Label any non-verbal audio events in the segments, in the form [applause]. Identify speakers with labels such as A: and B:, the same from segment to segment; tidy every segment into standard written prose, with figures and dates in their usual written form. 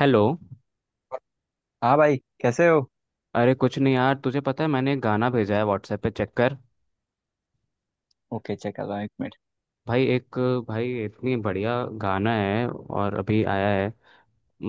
A: Hello.
B: हाँ भाई कैसे हो।
A: अरे कुछ नहीं यार, तुझे पता है मैंने एक गाना भेजा है व्हाट्सएप पे, चेक कर।
B: ओके, चेक कर रहा हूँ, 1 मिनट।
A: भाई एक। भाई इतनी बढ़िया गाना है, और अभी आया है।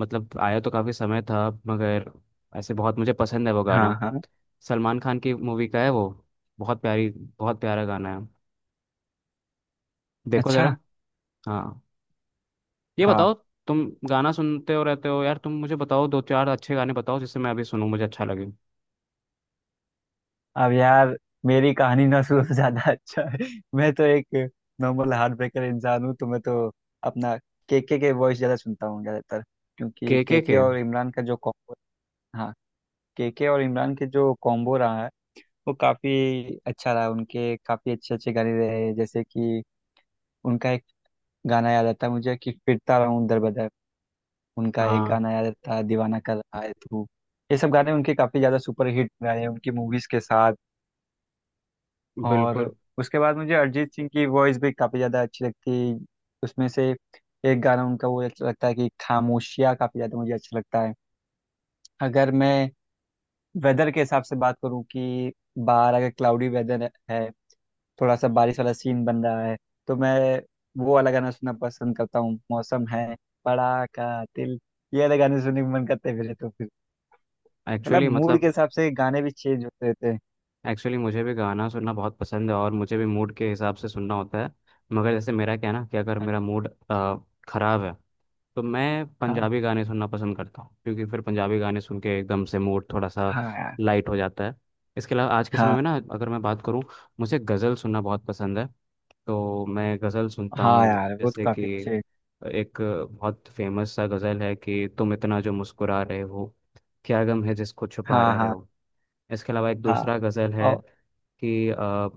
A: मतलब आया तो काफ़ी समय था, मगर ऐसे बहुत मुझे पसंद है वो
B: हाँ
A: गाना।
B: हाँ।
A: सलमान खान की मूवी का है वो। बहुत प्यारी बहुत प्यारा गाना है, देखो
B: अच्छा।
A: ज़रा। हाँ, ये बताओ
B: हाँ।
A: तुम गाना सुनते हो रहते हो यार, तुम मुझे बताओ दो चार अच्छे गाने बताओ जिससे मैं अभी सुनूं, मुझे अच्छा लगे।
B: अब यार मेरी कहानी ना सुनो [laughs] तो ज्यादा अच्छा है। मैं तो एक नॉर्मल हार्ट ब्रेकर इंसान हूँ तो मैं तो अपना केके के वॉइस ज्यादा सुनता हूँ ज्यादातर, क्योंकि
A: के
B: केके
A: के।
B: और इमरान का जो कॉम्बो। हाँ, केके और इमरान के जो कॉम्बो रहा है वो काफी अच्छा रहा। उनके काफी अच्छे अच्छे गाने रहे, जैसे कि उनका एक गाना याद आता है मुझे कि फिरता रहूं दर बदर। उनका एक
A: हाँ।
B: गाना आया था, दीवाना कर रहा है तू। ये सब गाने उनके काफ़ी ज़्यादा सुपर हिट गाए हैं उनकी मूवीज़ के साथ। और
A: बिल्कुल।
B: उसके बाद मुझे अरिजीत सिंह की वॉइस भी काफ़ी ज़्यादा अच्छी लगती है। उसमें से एक गाना उनका वो अच्छा लगता है कि खामोशियाँ, काफ़ी ज़्यादा मुझे अच्छा लगता है। अगर मैं वेदर के हिसाब से बात करूँ कि बाहर अगर क्लाउडी वेदर है, थोड़ा सा बारिश वाला सीन बन रहा है, तो मैं वो वाला गाना सुनना पसंद करता हूँ, मौसम है बड़ा का दिल। ये वाले गाने सुनने का मन करता है मेरे तो। मतलब
A: एक्चुअली
B: मूड के
A: मतलब,
B: हिसाब से गाने भी चेंज होते रहते हैं।
A: एक्चुअली मुझे भी गाना सुनना बहुत पसंद है और मुझे भी मूड के हिसाब से सुनना होता है। मगर जैसे मेरा क्या है ना, कि अगर मेरा मूड ख़राब है तो मैं
B: हाँ।
A: पंजाबी गाने सुनना पसंद करता हूँ, क्योंकि फिर पंजाबी गाने सुन के एकदम से मूड थोड़ा सा
B: हाँ यार।
A: लाइट हो जाता है। इसके अलावा आज के समय
B: हाँ
A: में ना अगर मैं बात करूँ, मुझे गज़ल सुनना बहुत पसंद है। तो मैं गज़ल सुनता
B: हाँ
A: हूँ,
B: यार, वो तो
A: जैसे
B: काफी
A: कि
B: अच्छे।
A: एक बहुत फेमस सा गज़ल है कि तुम इतना जो मुस्कुरा रहे हो, क्या गम है जिसको छुपा
B: हाँ
A: रहे
B: हाँ।
A: हो। इसके अलावा एक
B: हाँ।
A: दूसरा गज़ल है
B: और
A: कि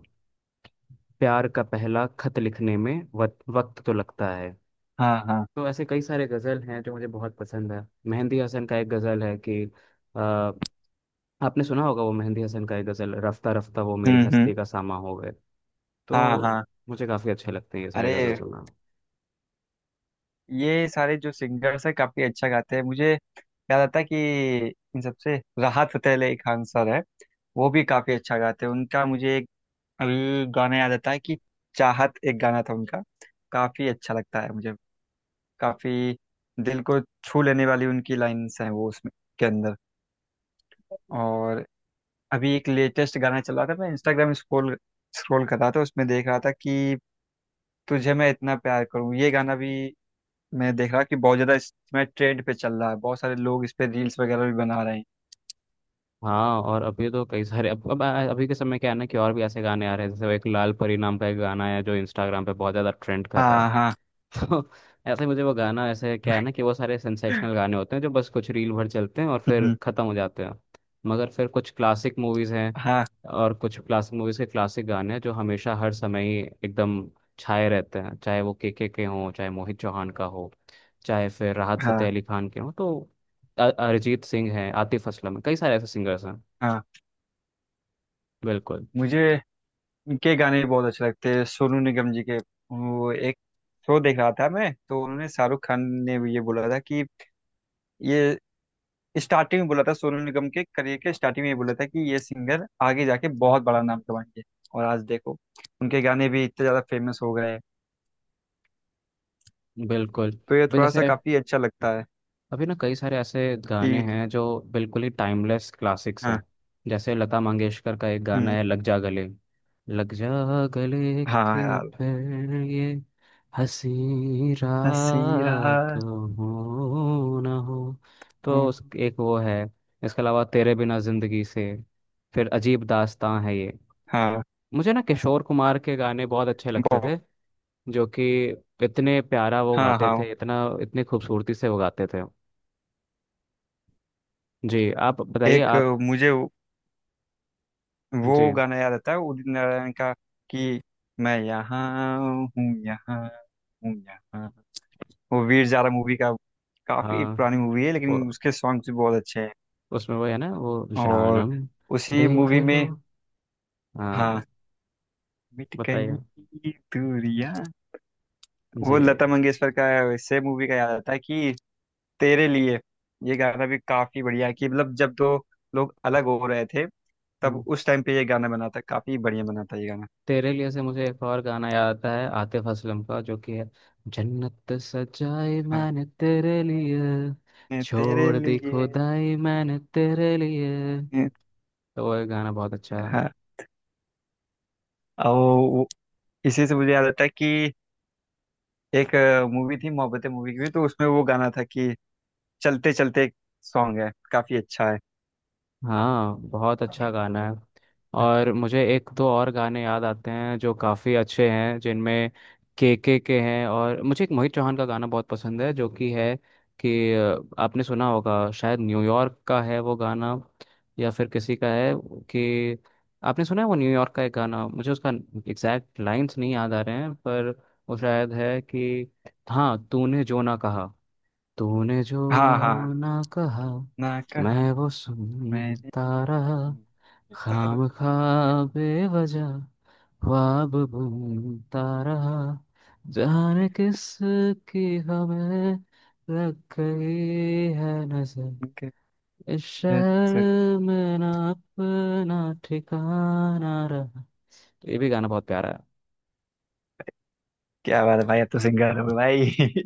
A: प्यार का पहला खत लिखने में वक्त वक्त तो लगता है।
B: हाँ हाँ।
A: तो ऐसे कई सारे गज़ल हैं जो मुझे बहुत पसंद है। मेहंदी हसन का एक गज़ल है कि अ, आपने सुना होगा, वो मेहंदी हसन का एक गज़ल, रफ्ता रफ्ता वो मेरी
B: हम्म।
A: हस्ती का सामा हो गए। तो
B: हाँ हाँ।
A: मुझे काफ़ी अच्छे लगते हैं ये सारे गज़ल
B: अरे
A: सुनना।
B: ये सारे जो सिंगर्स हैं काफी अच्छा गाते हैं। मुझे याद आता है कि इन सबसे राहत फतेह अली खान सर है, वो भी काफी अच्छा गाते हैं। उनका मुझे एक अभी गाना याद आता है कि चाहत, एक गाना था उनका, काफी अच्छा लगता है मुझे। काफी दिल को छू लेने वाली उनकी लाइंस हैं वो उसमें के अंदर। और अभी एक लेटेस्ट गाना चला था, मैं इंस्टाग्राम स्क्रॉल स्क्रॉल कर रहा था, उसमें देख रहा था कि तुझे मैं इतना प्यार करूं, ये गाना भी मैं देख रहा कि बहुत ज़्यादा इसमें ट्रेंड पे चल रहा है, बहुत सारे लोग इस पे रील्स वगैरह भी बना रहे हैं।
A: हाँ, और अभी तो कई सारे अब अभी के समय क्या है ना, कि और भी ऐसे गाने आ रहे हैं जैसे वो एक लाल परी नाम का एक गाना है जो इंस्टाग्राम पे बहुत ज़्यादा ट्रेंड कर रहा
B: हाँ हाँ।
A: है। तो ऐसे ही मुझे वो गाना, ऐसे क्या है ना, कि वो सारे सेंसेशनल गाने होते हैं जो बस कुछ रील भर चलते हैं और फिर
B: हम्म,
A: खत्म हो जाते हैं। मगर फिर कुछ क्लासिक मूवीज हैं,
B: हाँ
A: और कुछ क्लासिक मूवीज के क्लासिक गाने हैं जो हमेशा हर समय ही एकदम छाए रहते हैं, चाहे वो के हों, चाहे मोहित चौहान का हो, चाहे फिर राहत फतेह
B: हाँ।
A: अली खान के हों। तो अरिजीत सिंह हैं, आतिफ असलम है, कई सारे ऐसे सिंगर्स हैं।
B: हाँ।
A: बिल्कुल।
B: मुझे इनके गाने भी बहुत अच्छे लगते हैं, सोनू निगम जी के। वो एक शो देख रहा था मैं तो उन्होंने शाहरुख खान ने भी ये बोला था कि ये स्टार्टिंग में बोला था सोनू निगम के करियर के स्टार्टिंग में, ये बोला था कि ये सिंगर आगे जाके बहुत बड़ा नाम कमाएंगे। और आज देखो उनके गाने भी इतने ज्यादा फेमस हो गए हैं।
A: बिल्कुल
B: तो ये
A: भी,
B: थोड़ा सा
A: जैसे
B: काफी अच्छा लगता है
A: अभी ना कई सारे ऐसे गाने
B: कि।
A: हैं जो बिल्कुल ही टाइमलेस क्लासिक्स
B: हाँ।
A: हैं। जैसे लता मंगेशकर का एक गाना
B: हम्म,
A: है, लग जा गले, लग जा गले
B: हाँ
A: के
B: यार,
A: फिर ये हंसी
B: हंसी रहा
A: रात हो ना हो। तो
B: हूँ।
A: उस एक वो है। इसके अलावा तेरे बिना जिंदगी से, फिर अजीब दास्तां है ये।
B: हाँ।
A: मुझे ना किशोर कुमार के गाने बहुत अच्छे लगते
B: बहुत।
A: थे, जो कि इतने प्यारा वो
B: हाँ
A: गाते
B: हाँ।
A: थे, इतना इतनी खूबसूरती से वो गाते थे। जी, आप बताइए
B: एक
A: आप।
B: मुझे वो
A: जी।
B: वो गाना याद आता है उदित नारायण का कि मैं यहाँ हूँ, यहाँ हूँ, यहाँ। वो वीर जारा मूवी का, काफी
A: हाँ,
B: पुरानी मूवी है
A: वो
B: लेकिन उसके सॉन्ग्स भी बहुत अच्छे हैं।
A: उसमें वो है ना, वो
B: और
A: जानम,
B: उसी
A: देख
B: मूवी
A: लो।
B: में
A: हाँ,
B: हाँ, मिट गई
A: बताइए।
B: दूरियां।
A: जी।
B: वो लता मंगेशकर का से मूवी का याद आता है कि तेरे लिए, ये गाना भी काफी बढ़िया है कि मतलब जब दो लोग अलग हो रहे थे
A: हम्म।
B: तब उस टाइम पे ये गाना बना था, काफी बढ़िया बना था ये गाना।
A: तेरे लिए से मुझे एक और गाना याद आता है आतिफ असलम का, जो कि है जन्नत सजाई
B: हाँ,
A: मैंने तेरे लिए,
B: "मैं तेरे
A: छोड़ दी
B: लिए,
A: खुदाई मैंने तेरे लिए।
B: मैं।"
A: तो वो गाना बहुत अच्छा।
B: हाँ, और वो इसी से मुझे याद आता है कि एक मूवी थी मोहब्बतें मूवी की भी, तो उसमें वो गाना था कि चलते चलते, सॉन्ग है, काफी अच्छा है।
A: हाँ, बहुत अच्छा गाना है। और मुझे एक दो और गाने याद आते हैं जो काफ़ी अच्छे हैं, जिनमें के हैं। और मुझे एक मोहित चौहान का गाना बहुत पसंद है, जो कि है कि आपने सुना होगा, शायद न्यूयॉर्क का है वो गाना, या फिर किसी का है, कि आपने सुना है वो न्यूयॉर्क का एक गाना। मुझे उसका एग्जैक्ट लाइंस नहीं याद आ रहे हैं पर वो शायद है कि हाँ, तूने जो ना कहा, तूने
B: हाँ हाँ।
A: जो ना कहा,
B: ना कहा।
A: मैं वो सुनता रहा,
B: तारक।
A: खाम खा बेवजह ख्वाब बुनता रहा, जाने किस की हमें लग गई है नजर,
B: कहती
A: इस
B: है नजर।
A: शहर में ना अपना ठिकाना रहा। ये भी गाना बहुत प्यारा
B: क्या बात है भाई, अब तो सिंगर हो गए भाई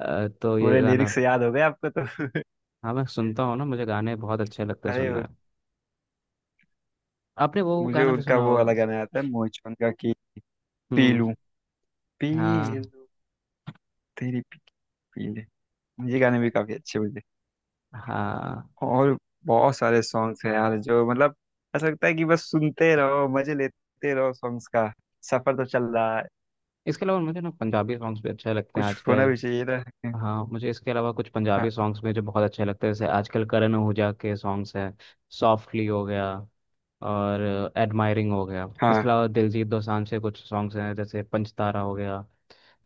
A: है। तो
B: [laughs]
A: ये
B: पूरे
A: गाना।
B: लिरिक्स याद हो गए आपको तो [laughs]
A: हाँ, मैं सुनता हूँ ना, मुझे गाने बहुत अच्छे लगते हैं सुनना
B: अरे
A: है। आपने वो
B: मुझे
A: गाना भी
B: उनका
A: सुना
B: वो वाला
A: होगा।
B: गाना आता है मोहित चौहान का कि पी
A: हम्म।
B: लूं, पी
A: हाँ,
B: लूं तेरी, पी पी ले। ये गाने भी काफी अच्छे मुझे।
A: हाँ।
B: और बहुत सारे सॉन्ग्स हैं यार जो मतलब ऐसा लगता है कि बस सुनते रहो, मजे लेते रहो सॉन्ग्स का। सफर तो चल रहा है,
A: इसके अलावा मुझे ना पंजाबी सॉन्ग्स भी अच्छे लगते हैं
B: कुछ होना
A: आजकल।
B: भी चाहिए ना।
A: हाँ, मुझे इसके अलावा कुछ
B: हाँ
A: पंजाबी सॉन्ग्स में जो बहुत अच्छे लगते हैं, जैसे आजकल करण ओजा के सॉन्ग्स हैं, सॉफ्टली हो गया, और एडमायरिंग हो गया।
B: हाँ।
A: इसके अलावा दिलजीत दोसांझ के कुछ सॉन्ग्स हैं जैसे पंचतारा हो गया,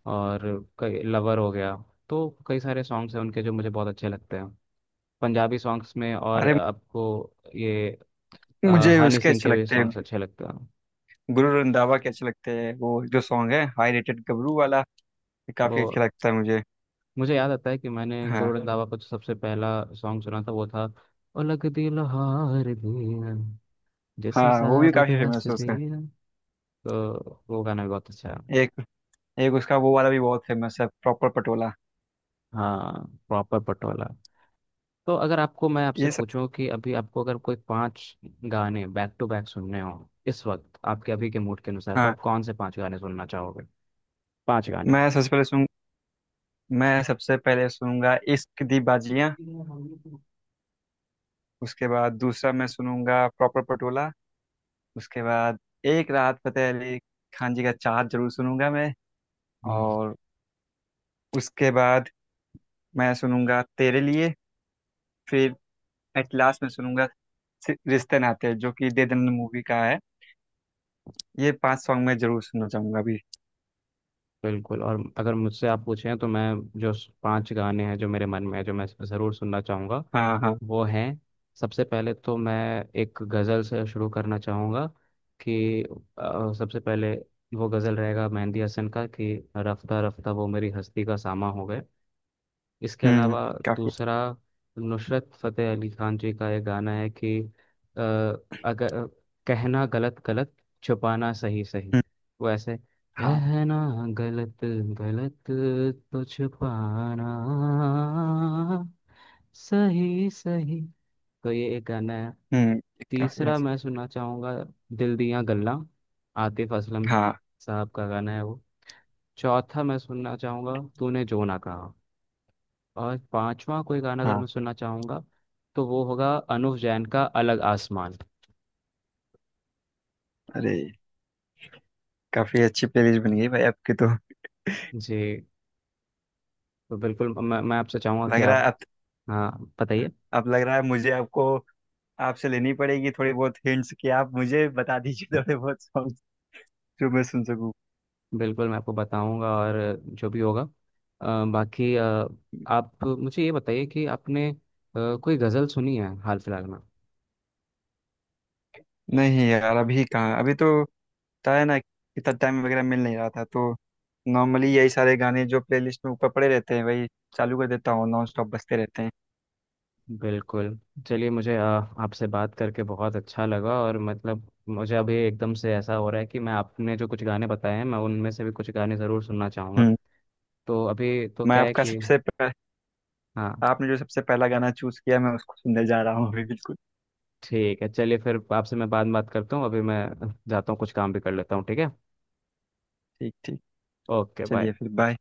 A: और कई लवर हो गया। तो कई सारे सॉन्ग्स हैं उनके जो मुझे बहुत अच्छे लगते हैं पंजाबी सॉन्ग्स में। और
B: अरे
A: आपको ये अ,
B: मुझे
A: हनी
B: उसके
A: सिंह
B: अच्छे
A: के भी
B: लगते हैं,
A: सॉन्ग्स अच्छे लगते हैं
B: गुरु रंधावा के अच्छे लगते हैं। वो जो सॉन्ग है हाई रेटेड गबरू वाला, ये
A: वो।
B: काफी अच्छा लगता है मुझे।
A: मुझे याद आता है कि मैंने गुरु
B: हाँ।
A: नानक बाबा का जो सबसे पहला सॉन्ग सुना था वो था, उलग दिल हार दिया,
B: हाँ
A: जैसे
B: वो भी
A: साबत
B: काफी
A: हंस
B: फेमस है उसका।
A: दिया। तो वो गाना भी बहुत अच्छा है।
B: एक एक उसका वो वाला भी बहुत फेमस है, प्रॉपर पटोला।
A: हाँ, प्रॉपर पटोला। तो अगर आपको, मैं आपसे
B: ये सब।
A: पूछूं कि अभी आपको अगर कोई पांच गाने बैक टू बैक सुनने हो इस वक्त आपके अभी के मूड के अनुसार, तो
B: हाँ।
A: आप कौन से पांच गाने सुनना चाहोगे? पांच गाने
B: मैं सबसे पहले सुन मैं सबसे पहले सुनूंगा इश्क दी बाजियां।
A: [laughs]
B: उसके बाद दूसरा मैं सुनूंगा प्रॉपर पटोला। उसके बाद एक राहत फतेह अली खान जी का चाहत जरूर सुनूंगा मैं।
A: हम्म
B: और उसके बाद मैं सुनूंगा तेरे लिए। फिर एट लास्ट में सुनूंगा रिश्ते नाते हैं, जो कि दे दन मूवी का है। ये 5 सॉन्ग मैं जरूर सुनना चाहूंगा अभी।
A: बिल्कुल। और अगर मुझसे आप पूछें तो मैं, जो पांच गाने हैं जो मेरे मन में है, जो मैं ज़रूर सुनना चाहूँगा,
B: हाँ हाँ।
A: वो हैं, सबसे पहले तो मैं एक गज़ल से शुरू करना चाहूँगा, कि सबसे पहले वो गज़ल रहेगा मेहंदी हसन का, कि रफ्ता रफ्ता वो मेरी हस्ती का सामा हो गए। इसके
B: हम्म।
A: अलावा
B: काफी।
A: दूसरा, नुसरत फतेह अली खान जी का एक गाना है कि अ, अगर कहना गलत गलत, छुपाना सही सही,
B: हम्म,
A: वो ऐसे
B: हाँ।
A: कहना गलत गलत, तो छुपाना सही सही। तो ये एक गाना है।
B: हम्म। काफी
A: तीसरा
B: अच्छा।
A: मैं सुनना चाहूँगा, दिल दिया गल्ला, आतिफ असलम
B: हाँ
A: साहब का गाना है वो। चौथा मैं सुनना चाहूँगा, तूने जो ना कहा। और पांचवा कोई गाना अगर मैं
B: हाँ।
A: सुनना चाहूंगा, तो वो होगा अनुव जैन का अलग आसमान।
B: अरे काफी अच्छी प्लेलिस्ट बन गई भाई आपकी तो।
A: जी। तो बिल्कुल, मैं आपसे चाहूंगा कि
B: लग रहा है
A: आप,
B: अब
A: हाँ बताइए।
B: अब लग रहा है मुझे आपको, आपसे लेनी पड़ेगी थोड़ी बहुत हिंट्स कि आप मुझे बता दीजिए थोड़े बहुत सॉन्ग जो मैं सुन सकूं।
A: बिल्कुल मैं आपको बताऊंगा, और जो भी होगा। बाकी आप मुझे ये बताइए कि आपने कोई गज़ल सुनी है हाल फिलहाल में?
B: नहीं यार, अभी कहाँ, अभी तो था है ना, इतना टाइम वगैरह मिल नहीं रहा था तो नॉर्मली यही सारे गाने जो प्लेलिस्ट में ऊपर पड़े रहते हैं वही चालू कर देता हूँ, नॉन स्टॉप बजते रहते हैं।
A: बिल्कुल। चलिए, मुझे आपसे बात करके बहुत अच्छा लगा, और मतलब मुझे अभी एकदम से ऐसा हो रहा है कि मैं, आपने जो कुछ गाने बताए हैं, मैं उनमें से भी कुछ गाने ज़रूर सुनना चाहूँगा।
B: हम्म।
A: तो अभी तो
B: मैं
A: क्या है
B: आपका
A: कि
B: सबसे पह,
A: हाँ,
B: आपने जो सबसे पहला गाना चूज किया मैं उसको सुनने जा रहा हूँ अभी, बिल्कुल।
A: ठीक है, चलिए फिर आपसे मैं बाद में बात करता हूँ। अभी मैं जाता हूँ, कुछ काम भी कर लेता हूँ, ठीक है?
B: ठीक ठीक।
A: Okay bye.
B: चलिए फिर, बाय।